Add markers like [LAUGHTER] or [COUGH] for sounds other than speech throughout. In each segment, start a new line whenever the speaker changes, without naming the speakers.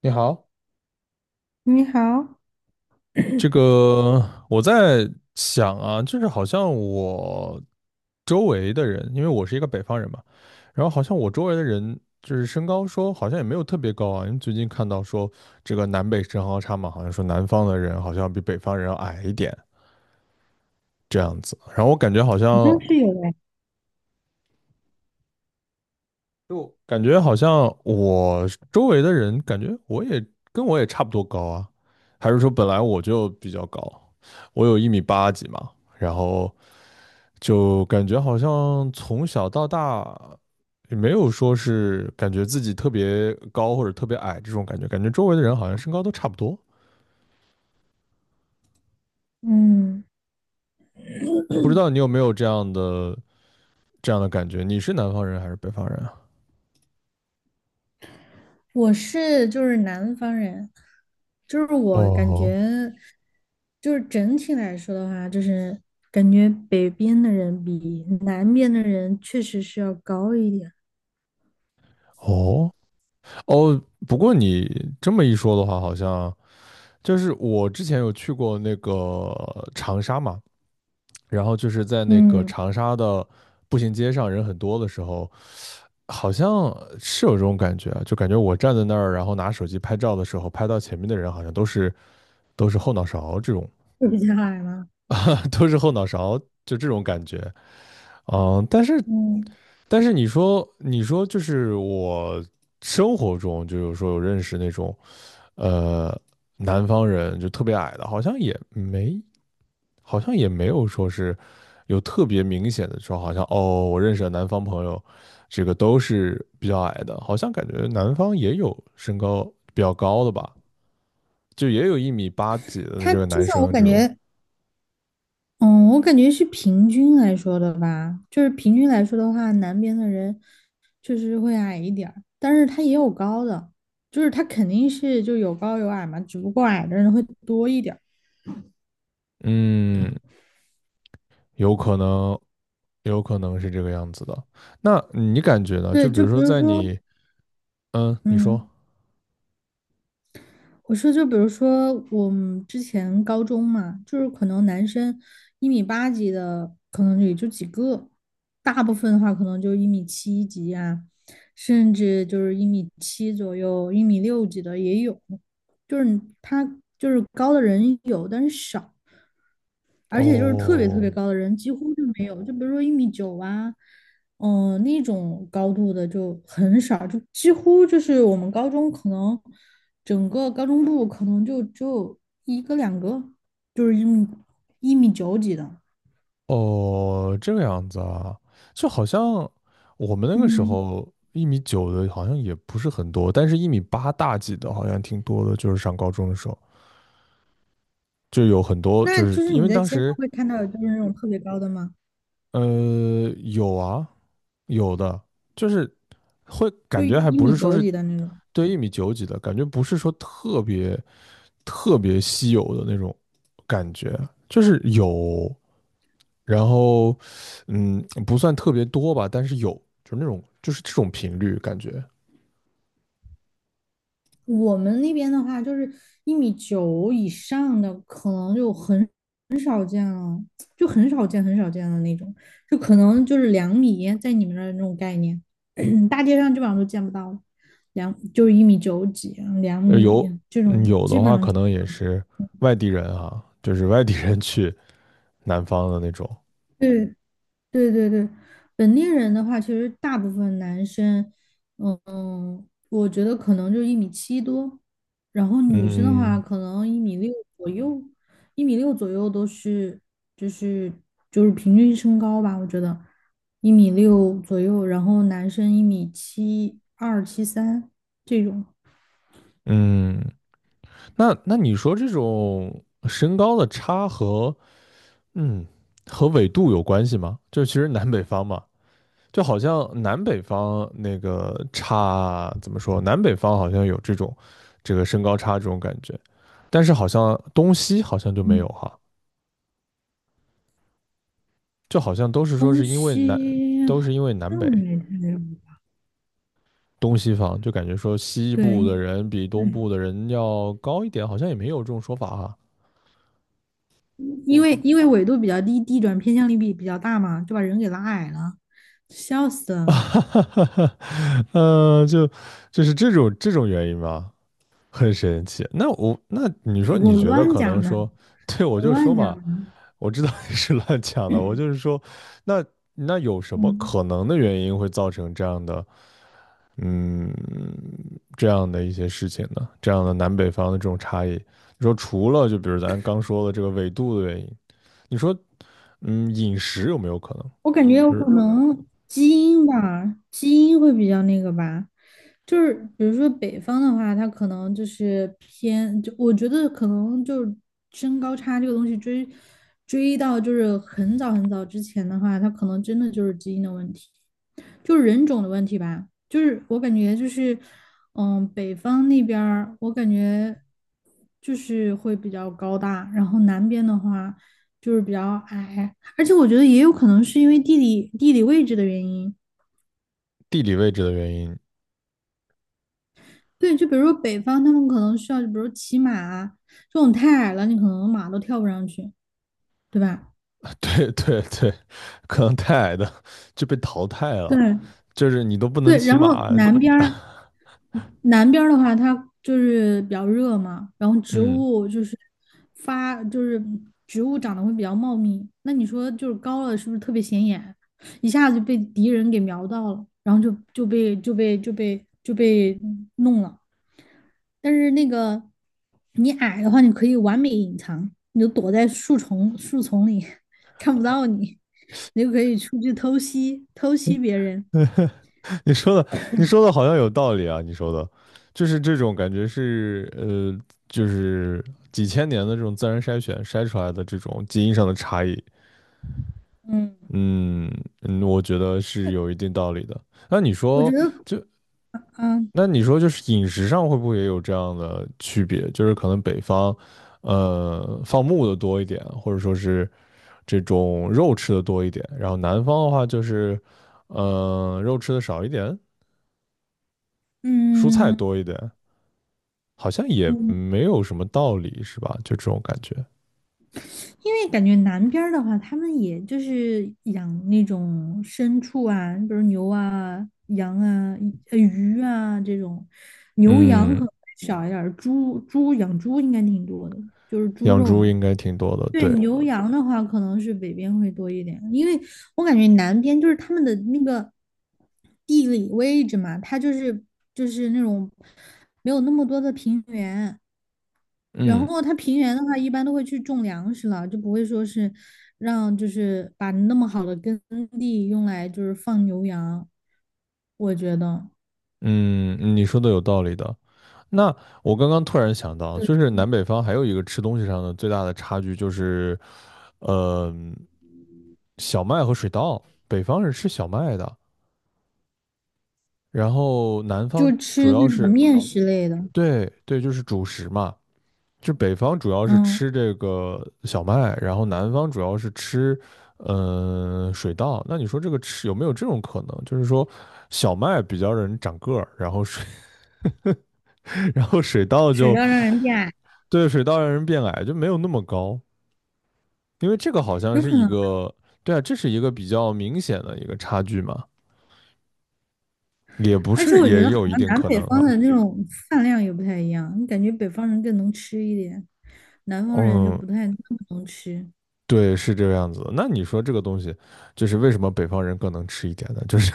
你好，
你好，好
这个我在想啊，就是好像我周围的人，因为我是一个北方人嘛，然后好像我周围的人就是身高说好像也没有特别高啊，因为最近看到说这个南北身高差嘛，好像说南方的人好像比北方人要矮一点这样子，然后我感觉好像
像是有哎，
就感觉好像我周围的人感觉我也差不多高啊，还是说本来我就比较高，我有一米八几嘛，然后。就感觉好像从小到大也没有说是感觉自己特别高或者特别矮这种感觉，感觉周围的人好像身高都差不多。
嗯，
不知道你有没有这样的感觉？你是南方人还是北方人啊？
我是就是南方人，就是我感
哦。
觉，就是整体来说的话，就是感觉北边的人比南边的人确实是要高一点。
哦哦，不过你这么一说的话，好像就是我之前有去过那个长沙嘛，然后就是在那个
嗯，
长沙的步行街上人很多的时候，好像是有这种感觉啊，就感觉我站在那儿，然后拿手机拍照的时候，拍到前面的人好像都是后脑勺这种，
嗯比较矮吗？
[LAUGHS] 都是后脑勺就这种感觉。嗯，但是
嗯，
你说就是我生活中就有时候有认识那种呃南方人就特别矮的，好像也没有说是有特别明显的说，好像哦，我认识的南方朋友，这个都是比较矮的，好像感觉南方也有身高比较高的吧，就也有一米八几的
他
这个
就
男
像我
生这
感
种。
觉，嗯，我感觉是平均来说的吧，就是平均来说的话，南边的人确实会矮一点儿，但是他也有高的，就是他肯定是就有高有矮嘛，只不过矮的人会多一点儿
嗯，有可能，有可能是这个样子的。那你感觉呢？就
对，
比
就
如
比
说
如
在
说，
你，嗯，你说，
嗯。我说，就比如说我们之前高中嘛，就是可能男生一米八几的，可能也就几个，大部分的话可能就一米七几啊，甚至就是一米七左右、一米六几的也有，就是他就是高的人有，但是少。而且就是特别特
哦。
别高的人几乎就没有，就比如说一米九啊，那种高度的就很少，就几乎就是我们高中可能整个高中部可能就只有一个两个，就是一米九几的。
哦，这个样子啊，就好像我们那个时
嗯，
候一米九的，好像也不是很多，但是1米8大几的，好像挺多的。就是上高中的时候，就有很多，就
那
是
就是
因为
你在
当
街上
时
会看到有就是那种特别高的吗？
呃有啊，有的，就是会
就
感觉还
一
不
米
是说
九
是
几的那种。
对1米9几的感觉，不是说特别特别稀有的那种感觉，就是有。然后，嗯，不算特别多吧，但是有，就是那种就是这种频率感觉。
我们那边的话，就是一米九以上的，可能就很少见了，就很少见、很少见的那种，就可能就是两米，在你们那儿那种概念，[CLEARS THROAT] [COUGHS] 大街上基本上都见不到了。就是一米九几、两米
有，
这种，
有
基
的
本
话
上
可能也是外地人啊，就是外地人去南方的那种。
对对对对，本地人的话，其实大部分男生，我觉得可能就一米七多，然后女生的话，
嗯
可能一米六左右，都是，就是平均身高吧，我觉得一米六左右，然后男生一米七二、七三这种
嗯，那你说这种身高的差嗯和纬度有关系吗？就其实南北方嘛，就好像南北方那个差怎么说？南北方好像有这种这个身高差这种感觉，但是好像东西好像就没有
嗯
哈，就好像都是说
东
是因为南
西
都
好
是因为南
像
北
没太有，
东西方，就感觉说西部的
对。
人比东部
对
的人要高一点，好像也没有这种说法哈。
因为纬度比较低，地转偏向力比较大嘛，就把人给拉矮了，笑死
[LAUGHS] 哈
了！
哈哈哈。呃，就就是这种这种原因吧，很神奇。那你说
[LAUGHS] 我
你觉得
乱
可能
讲的，
说，对，我
我
就说
乱讲
嘛。
的，
我知道你是乱讲的，我就是说，那那有什么
嗯。
可能的原因会造成这样的，嗯，这样的一些事情呢？这样的南北方的这种差异，你说除了就比如咱刚说的这个纬度的原因，你说，嗯，饮食有没有可能，
我感觉有
就
可
是
能基因吧，基因会比较那个吧，就是比如说北方的话，他可能就是偏，就我觉得可能就是身高差这个东西追到就是很早很早之前的话，他可能真的就是基因的问题，就是人种的问题吧。就是我感觉就是，北方那边儿我感觉就是会比较高大，然后南边的话就是比较矮。而且我觉得也有可能是因为地理位置的原因。
地理位置的原因？
对，就比如说北方，他们可能需要，比如骑马啊，这种太矮了，你可能马都跳不上去，对吧？
[LAUGHS] 对对对，可能太矮的 [LAUGHS] 就被淘汰了，
对
就是你都不能
对，
骑
然后
马。
南边儿的话，它就是比较热嘛，然后
[LAUGHS]
植
嗯，
物就是发，就是植物长得会比较茂密。那你说就是高了，是不是特别显眼？一下子就被敌人给瞄到了，然后就被弄了。但是那个你矮的话，你可以完美隐藏，你就躲在树丛树丛里，[LAUGHS] 看不到你，你就可以出去偷袭偷袭别人。
你说的，你说的好像有道理啊！你说的，就是这种感觉是，就是几千年的这种自然筛选筛出来的这种基因上的差异。
嗯，
嗯嗯，我觉得是有一定道理的。那你
我觉
说，
得，
就
嗯
就是饮食上会不会也有这样的区别？就是可能北方，放牧的多一点，或者说是这种肉吃的多一点，然后南方的话就是，肉吃的少一点，蔬菜
嗯。
多一点。好像也
嗯，
没有什么道理，是吧？就这种感觉。
因为感觉南边儿的话，他们也就是养那种牲畜啊，比如牛啊、羊啊、鱼啊这种，牛羊
嗯，
可能少一点儿，猪养猪应该挺多的，就是猪
养
肉
猪
嘛。
应该挺多的，
对，
对。
牛羊的话可能是北边会多一点，因为我感觉南边就是他们的那个地理位置嘛，它就是那种没有那么多的平原。然
嗯
后它平原的话，一般都会去种粮食了，就不会说是让就是把那么好的耕地用来就是放牛羊。我觉得，
嗯，你说的有道理的。那我刚刚突然想到，
对，
就是南北方还有一个吃东西上的最大的差距，就是呃，小麦和水稻。北方是吃小麦的，然后南方
就
主
吃
要
那种
是
面食类的，
对对，就是主食嘛。就北方主要是
嗯，
吃这个小麦，然后南方主要是吃，水稻。那你说这个吃有没有这种可能？就是说，小麦比较让人长个儿，然后水，[LAUGHS] 然后水稻
水
就，
稻让人变矮，
对，水稻让人变矮，就没有那么高。因为这个好像
有
是
可
一
能。
个，对啊，这是一个比较明显的一个差距嘛，也不
而且
是，
我觉
也
得好
有一
像
定
南
可
北
能
方
啊。
的那种饭量也不太一样，你感觉北方人更能吃一点，南方人就
嗯，
不太那么能吃。
对，是这个样子的。那你说这个东西，就是为什么北方人更能吃一点呢？就是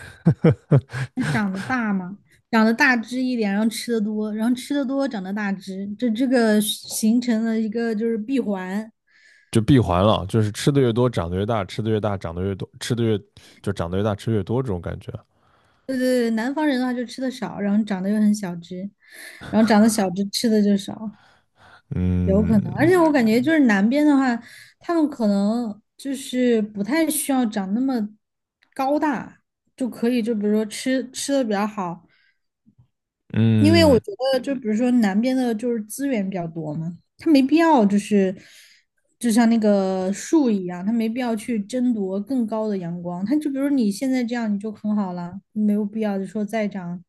长得大只一点，然后吃的多，然后吃的多，长得大只，这个形成了一个就是闭环。
就闭环了，就是吃的越多长得越大，吃的越大长得越多，吃的越就长得越大吃越多这种感觉。
对对对，南方人的话就吃的少，然后长得又很小只，然后长得小只吃的就少，有可能。而
嗯
且我感觉就是南边的话，他们可能就是不太需要长那么高大，就可以就比如说吃的比较好，因为
嗯
我觉得就比如说南边的就是资源比较多嘛，他没必要就是就像那个树一样，他没必要去争夺更高的阳光。他就比如你现在这样你就很好了，没有必要就说再长。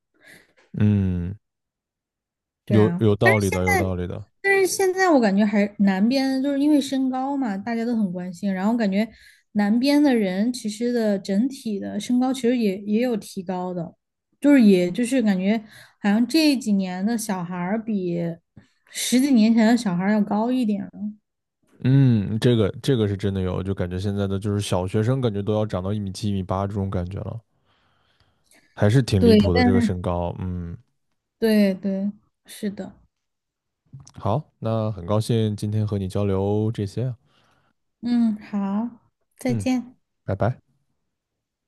嗯，
对
有
啊，
有
但
道理
是
的，有道理的。
现在我感觉还南边就是因为身高嘛，大家都很关心，然后感觉南边的人其实的整体的身高其实也有提高的，就是也就是感觉好像这几年的小孩儿比十几年前的小孩儿要高一点了。
嗯，这个是真的有，就感觉现在的就是小学生感觉都要长到1米7、一米八这种感觉了，还是挺离谱
对
的这个身高。嗯，
对对，是的，
好，那很高兴今天和你交流这些啊。
嗯，好，再
嗯，
见。
拜拜。